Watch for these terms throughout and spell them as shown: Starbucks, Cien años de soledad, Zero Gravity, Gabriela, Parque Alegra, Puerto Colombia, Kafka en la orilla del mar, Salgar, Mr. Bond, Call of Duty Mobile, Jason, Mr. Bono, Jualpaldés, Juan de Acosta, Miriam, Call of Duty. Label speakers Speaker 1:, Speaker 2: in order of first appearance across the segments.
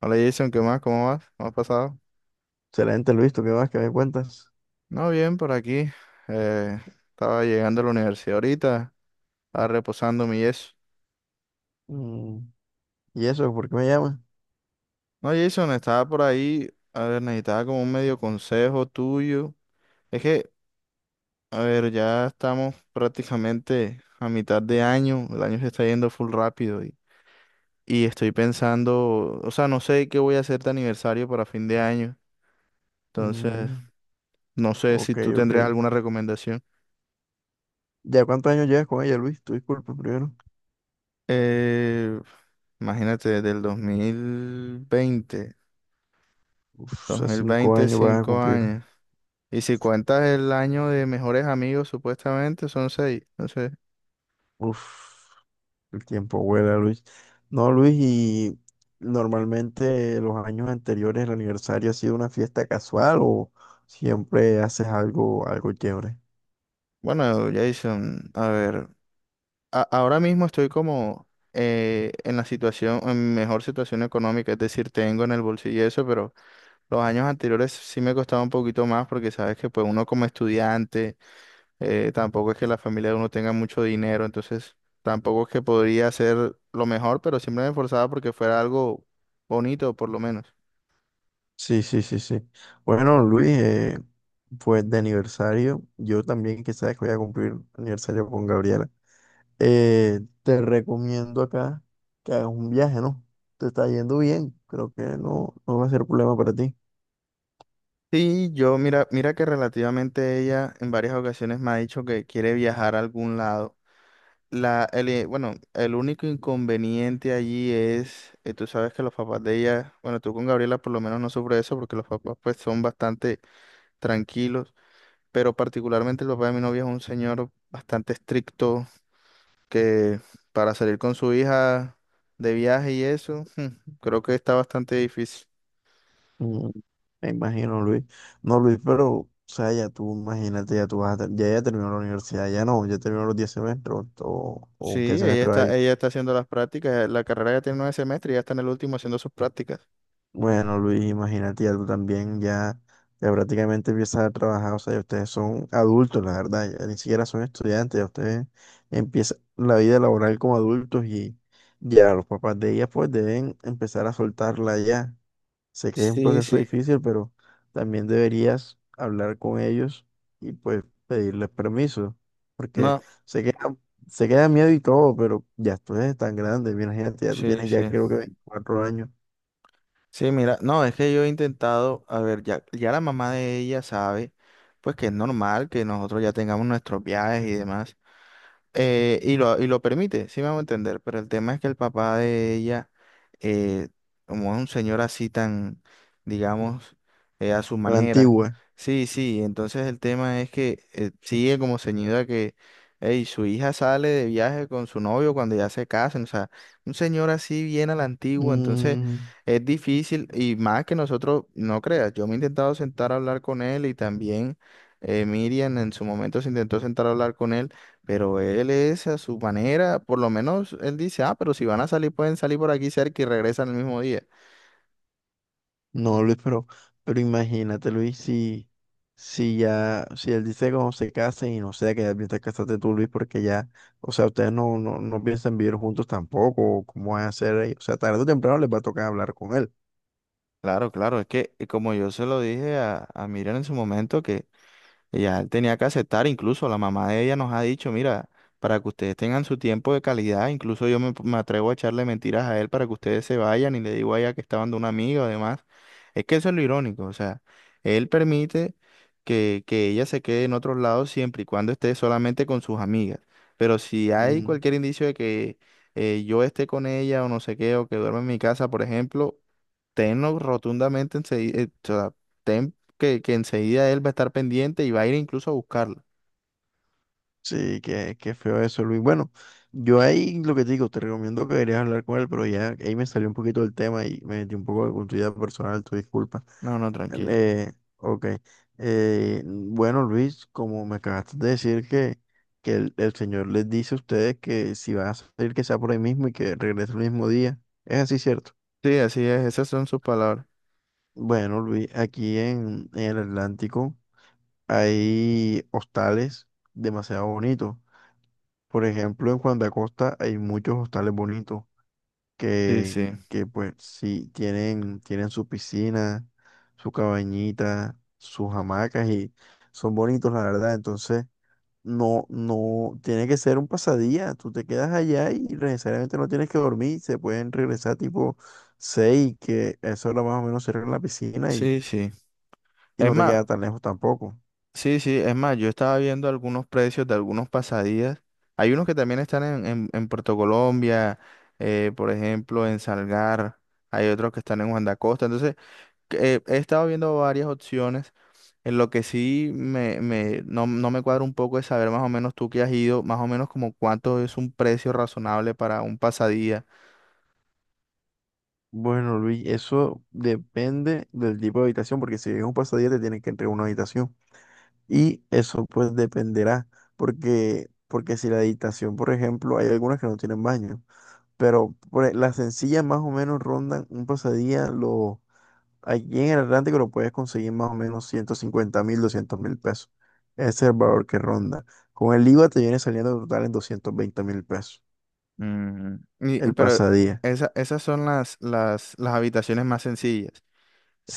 Speaker 1: Hola, Jason, ¿qué más? ¿Cómo vas? ¿Cómo has pasado?
Speaker 2: Excelente, Luis, ¿tú qué vas? ¿Qué me cuentas?
Speaker 1: No, bien, por aquí. Eh, Estaba llegando a la universidad ahorita, estaba reposando mi yeso.
Speaker 2: Mm, ¿y eso? ¿Por qué me llamas?
Speaker 1: No, Jason, estaba por ahí, a ver, necesitaba como un medio consejo tuyo. Es que, a ver, ya estamos prácticamente a mitad de año, el año se está yendo full rápido y, estoy pensando, o sea, no sé qué voy a hacer de aniversario para fin de año, entonces
Speaker 2: Mm,
Speaker 1: no sé si
Speaker 2: ok,
Speaker 1: tú
Speaker 2: ok.
Speaker 1: tendrías alguna recomendación.
Speaker 2: ¿Ya cuántos años llevas con ella, Luis? Tu disculpa primero.
Speaker 1: Eh, Imagínate, del dos mil veinte,
Speaker 2: Uf,
Speaker 1: dos
Speaker 2: hace
Speaker 1: mil
Speaker 2: cinco
Speaker 1: veinte,
Speaker 2: años van a
Speaker 1: cinco
Speaker 2: cumplir.
Speaker 1: años. Y si cuentas el año de mejores amigos, supuestamente son seis. Entonces,
Speaker 2: Uf, el tiempo vuela, Luis. No, Luis, y normalmente los años anteriores el aniversario ha sido una fiesta casual o siempre haces algo chévere.
Speaker 1: bueno, Jason, a ver, ahora mismo estoy como en la situación, en mejor situación económica, es decir, tengo en el bolsillo eso, pero los años anteriores sí me costaba un poquito más porque sabes que pues uno como estudiante, tampoco es que la familia de uno tenga mucho dinero, entonces tampoco es que podría ser lo mejor, pero siempre me esforzaba porque fuera algo bonito, por lo menos.
Speaker 2: Sí, sí, sí, sí. Bueno, Luis, pues de aniversario, yo también quizás voy a cumplir aniversario con Gabriela. Te recomiendo acá que hagas un viaje, ¿no? Te está yendo bien, creo que no va a ser problema para ti.
Speaker 1: Sí, yo mira, mira que relativamente ella en varias ocasiones me ha dicho que quiere viajar a algún lado. Bueno, el único inconveniente allí es, tú sabes que los papás de ella, bueno, tú con Gabriela por lo menos no sufres eso porque los papás pues son bastante tranquilos, pero particularmente el papá de mi novia es un señor bastante estricto, que para salir con su hija de viaje y eso, creo que está bastante difícil.
Speaker 2: Mm, me imagino, Luis. No, Luis, pero, o sea, ya tú, imagínate, ya tú vas a, ya, ya terminó la universidad, ya no, ya terminó los 10 semestres,
Speaker 1: Sí,
Speaker 2: o qué semestre va.
Speaker 1: ella está haciendo las prácticas, la carrera ya tiene nueve semestres y ya está en el último haciendo sus prácticas.
Speaker 2: Bueno, Luis, imagínate, ya tú también ya, ya prácticamente empiezas a trabajar, o sea, ya ustedes son adultos, la verdad, ya ni siquiera son estudiantes, ya ustedes empiezan la vida laboral como adultos y ya los papás de ellas pues deben empezar a soltarla ya. Sé que es un
Speaker 1: Sí,
Speaker 2: proceso
Speaker 1: sí,
Speaker 2: difícil, pero también deberías hablar con ellos y pues pedirles permiso, porque
Speaker 1: no,
Speaker 2: se queda, se queda miedo y todo, pero ya tú eres tan grande, imagínate, ya tú
Speaker 1: sí,
Speaker 2: tienes ya
Speaker 1: sí.
Speaker 2: creo que 24 años,
Speaker 1: Sí, mira, no, es que yo he intentado, a ver, ya la mamá de ella sabe, pues que es normal que nosotros ya tengamos nuestros viajes y demás. Y lo permite, sí me hago entender, pero el tema es que el papá de ella, eh, como es un señor así tan, digamos, a su
Speaker 2: a la
Speaker 1: manera,
Speaker 2: antigua.
Speaker 1: sí, sí, entonces el tema es que sigue como ceñido a que ey, su hija sale de viaje con su novio cuando ya se casan, o sea, un señor así bien a la antigua, entonces
Speaker 2: Mm,
Speaker 1: es difícil, y más que nosotros, no creas, yo me he intentado sentar a hablar con él, y también Miriam en su momento se intentó sentar a hablar con él, pero él es a su manera, por lo menos él dice, ah, pero si van a salir, pueden salir por aquí cerca y regresan el mismo día.
Speaker 2: no, Luis, pero imagínate, Luis, si, si ya, si él dice cómo se casen y no sea que ya piensas casarte tú, Luis, porque ya, o sea, ustedes no, no, no piensan vivir juntos tampoco, o cómo van a hacer ahí, o sea, tarde o temprano les va a tocar hablar con él.
Speaker 1: Claro, claro, es que como yo se lo dije a Miriam en su momento, que ella tenía que aceptar, incluso la mamá de ella nos ha dicho, mira, para que ustedes tengan su tiempo de calidad, incluso yo me, me atrevo a echarle mentiras a él para que ustedes se vayan y le digo a ella que estaban de una amiga o demás. Es que eso es lo irónico, o sea, él permite que ella se quede en otros lados siempre y cuando esté solamente con sus amigas. Pero si hay
Speaker 2: Mm,
Speaker 1: cualquier indicio de que yo esté con ella o no sé qué, o que duerma en mi casa, por ejemplo, tenlo rotundamente, en que enseguida él va a estar pendiente y va a ir incluso a buscarla.
Speaker 2: sí, qué, qué feo eso, Luis. Bueno, yo ahí lo que te digo, te recomiendo que deberías hablar con él, pero ya ahí me salió un poquito del tema y me metí un poco con tu vida personal, tu disculpa.
Speaker 1: No, no, tranquila.
Speaker 2: Eh, ok. Bueno, Luis, como me acabaste de decir que el Señor les dice a ustedes que si van a salir, que sea por ahí mismo y que regrese el mismo día. ¿Es así cierto?
Speaker 1: Sí, así es, esas son sus palabras.
Speaker 2: Bueno, Luis, aquí en el Atlántico hay hostales demasiado bonitos. Por ejemplo, en Juan de Acosta hay muchos hostales bonitos.
Speaker 1: Sí,
Speaker 2: que,
Speaker 1: sí,
Speaker 2: que pues sí, tienen, tienen su piscina, su cabañita, sus hamacas y son bonitos, la verdad. Entonces, no, no, tiene que ser un pasadía. Tú te quedas allá y necesariamente no tienes que dormir. Se pueden regresar tipo 6 que eso hora más o menos cierra la piscina
Speaker 1: sí, sí.
Speaker 2: y
Speaker 1: Es
Speaker 2: no te
Speaker 1: más,
Speaker 2: queda tan lejos tampoco.
Speaker 1: sí, sí, es más, yo estaba viendo algunos precios de algunos pasadías. Hay unos que también están en Puerto Colombia, por ejemplo, en Salgar. Hay otros que están en Juan de Acosta. Entonces, que, he estado viendo varias opciones. En lo que sí no, no me cuadra un poco es saber más o menos tú que has ido, más o menos como cuánto es un precio razonable para un pasadía.
Speaker 2: Bueno, Luis, eso depende del tipo de habitación, porque si es un pasadía te tienen que entregar una habitación. Y eso pues dependerá, porque, porque si la habitación, por ejemplo, hay algunas que no tienen baño, pero las sencillas más o menos rondan un pasadía, lo, aquí en el Atlántico lo puedes conseguir más o menos $150.000, $200.000. Ese es el valor que ronda. Con el IVA te viene saliendo total en $220.000
Speaker 1: Mm,
Speaker 2: el
Speaker 1: pero
Speaker 2: pasadía.
Speaker 1: esas son las habitaciones más sencillas.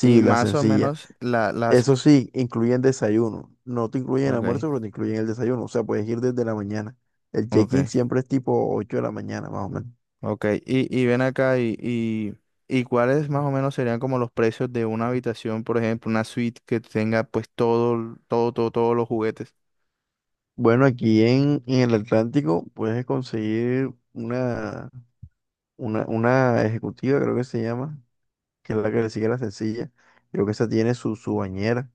Speaker 1: Y
Speaker 2: la
Speaker 1: más o
Speaker 2: sencilla.
Speaker 1: menos la, las...
Speaker 2: Eso sí, incluyen desayuno. No te incluyen el
Speaker 1: Ok,
Speaker 2: almuerzo, pero te incluyen el desayuno. O sea, puedes ir desde la mañana. El check-in
Speaker 1: ok,
Speaker 2: siempre es tipo 8 de la mañana, más o menos.
Speaker 1: ok. Y ven acá y cuáles más o menos serían como los precios de una habitación, por ejemplo, una suite que tenga pues todo, todo, todo, todos los juguetes.
Speaker 2: Bueno, aquí en el Atlántico puedes conseguir una ejecutiva, creo que se llama, que es la que le sigue la sencilla. Creo que esa tiene su, su bañera.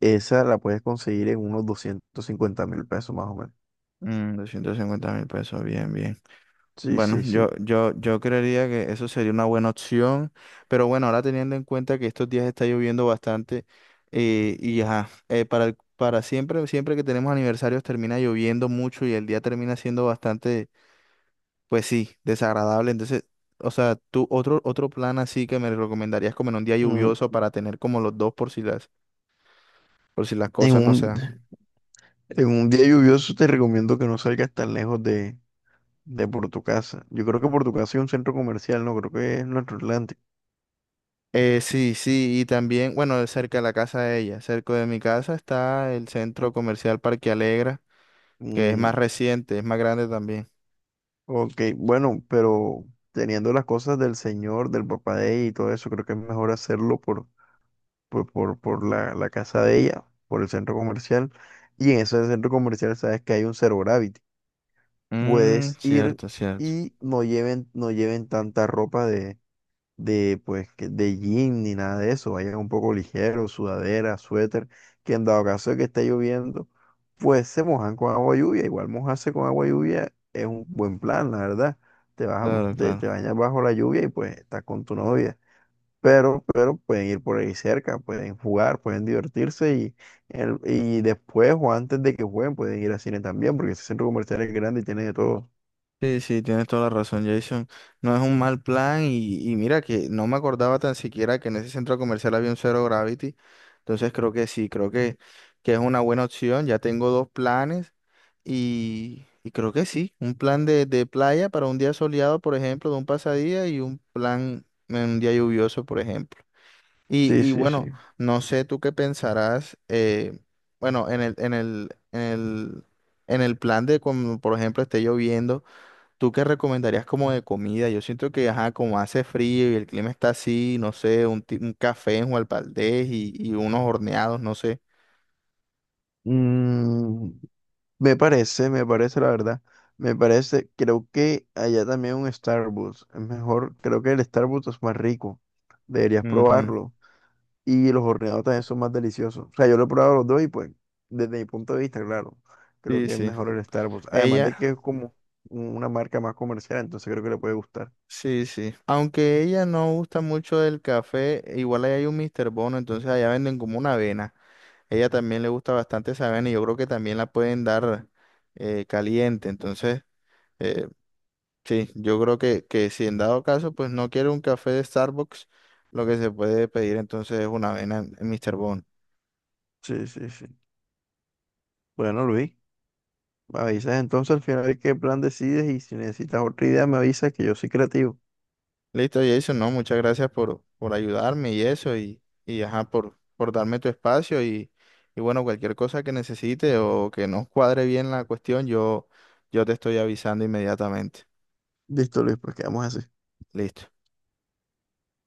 Speaker 2: Esa la puedes conseguir en unos $250.000, más o menos.
Speaker 1: Mm, 250 mil pesos, bien, bien.
Speaker 2: Sí,
Speaker 1: Bueno,
Speaker 2: sí, sí.
Speaker 1: yo creería que eso sería una buena opción, pero bueno, ahora teniendo en cuenta que estos días está lloviendo bastante, y ajá, para siempre, siempre que tenemos aniversarios termina lloviendo mucho y el día termina siendo bastante, pues sí, desagradable. Entonces, o sea, tú otro, otro plan así que me recomendarías como en un día
Speaker 2: Mm,
Speaker 1: lluvioso para tener como los dos por si las
Speaker 2: en
Speaker 1: cosas no se
Speaker 2: un,
Speaker 1: dan.
Speaker 2: en un día lluvioso te recomiendo que no salgas tan lejos de por tu casa. Yo creo que por tu casa es un centro comercial, no creo que es nuestro Atlántico.
Speaker 1: Sí, sí, y también, bueno, cerca de la casa de ella, cerca de mi casa está el centro comercial Parque Alegra, que es más
Speaker 2: Mm,
Speaker 1: reciente, es más grande también.
Speaker 2: ok, bueno, pero teniendo las cosas del señor, del papá de ella y todo eso, creo que es mejor hacerlo por la casa de ella, por el centro comercial. Y en ese centro comercial sabes que hay un Zero Gravity.
Speaker 1: Mm,
Speaker 2: Puedes ir
Speaker 1: cierto, cierto.
Speaker 2: y no lleven, no lleven tanta ropa de pues de jean ni nada de eso, vayan un poco ligero, sudadera, suéter, que en dado caso de que esté lloviendo, pues se mojan con agua lluvia, igual mojarse con agua lluvia es un buen plan, la verdad.
Speaker 1: Claro,
Speaker 2: Te,
Speaker 1: claro.
Speaker 2: te bañas bajo la lluvia y pues estás con tu novia. Pero pueden ir por ahí cerca, pueden jugar, pueden divertirse y, y después o antes de que jueguen pueden ir al cine también, porque ese centro comercial es grande y tiene de todo.
Speaker 1: Sí, sí, tienes toda la razón, Jason. No es un mal plan, y mira que no me acordaba tan siquiera que en ese centro comercial había un Zero Gravity. Entonces creo que sí, creo que es una buena opción. Ya tengo dos planes y creo que sí. Un plan de playa para un día soleado, por ejemplo, de un pasadía, y un plan en un día lluvioso, por ejemplo.
Speaker 2: Sí,
Speaker 1: Y
Speaker 2: sí,
Speaker 1: bueno,
Speaker 2: sí.
Speaker 1: no sé tú qué pensarás, bueno, en el plan de, como, por ejemplo, esté lloviendo, ¿tú qué recomendarías como de comida? Yo siento que, ajá, como hace frío y el clima está así, no sé, un, un café en Jualpaldés y unos horneados, no sé.
Speaker 2: Mm, me parece, me parece la verdad. Me parece, creo que allá también un Starbucks. Es mejor, creo que el Starbucks es más rico. Deberías
Speaker 1: Ujú.
Speaker 2: probarlo. Y los horneados también son más deliciosos. O sea, yo lo he probado los dos y pues, desde mi punto de vista, claro, creo
Speaker 1: Sí,
Speaker 2: que es
Speaker 1: sí.
Speaker 2: mejor el Starbucks. Además
Speaker 1: Ella,
Speaker 2: de que es como una marca más comercial, entonces creo que le puede gustar.
Speaker 1: sí, sí. Aunque ella no gusta mucho del café, igual ahí hay un Mr. Bono, entonces allá venden como una avena. Ella también le gusta bastante esa avena y yo creo que también la pueden dar caliente. Entonces, eh, sí, yo creo que si en dado caso, pues no quiere un café de Starbucks, lo que se puede pedir entonces es una avena en Mr. Bond.
Speaker 2: Sí, sí, sí. Bueno, Luis, me avisas entonces al final qué plan decides y si necesitas otra idea, me avisas que yo soy creativo.
Speaker 1: Listo, Jason, no, muchas gracias por ayudarme y eso, y ajá, por darme tu espacio y bueno, cualquier cosa que necesite o que no cuadre bien la cuestión, yo te estoy avisando inmediatamente.
Speaker 2: Listo, Luis, pues quedamos así.
Speaker 1: Listo.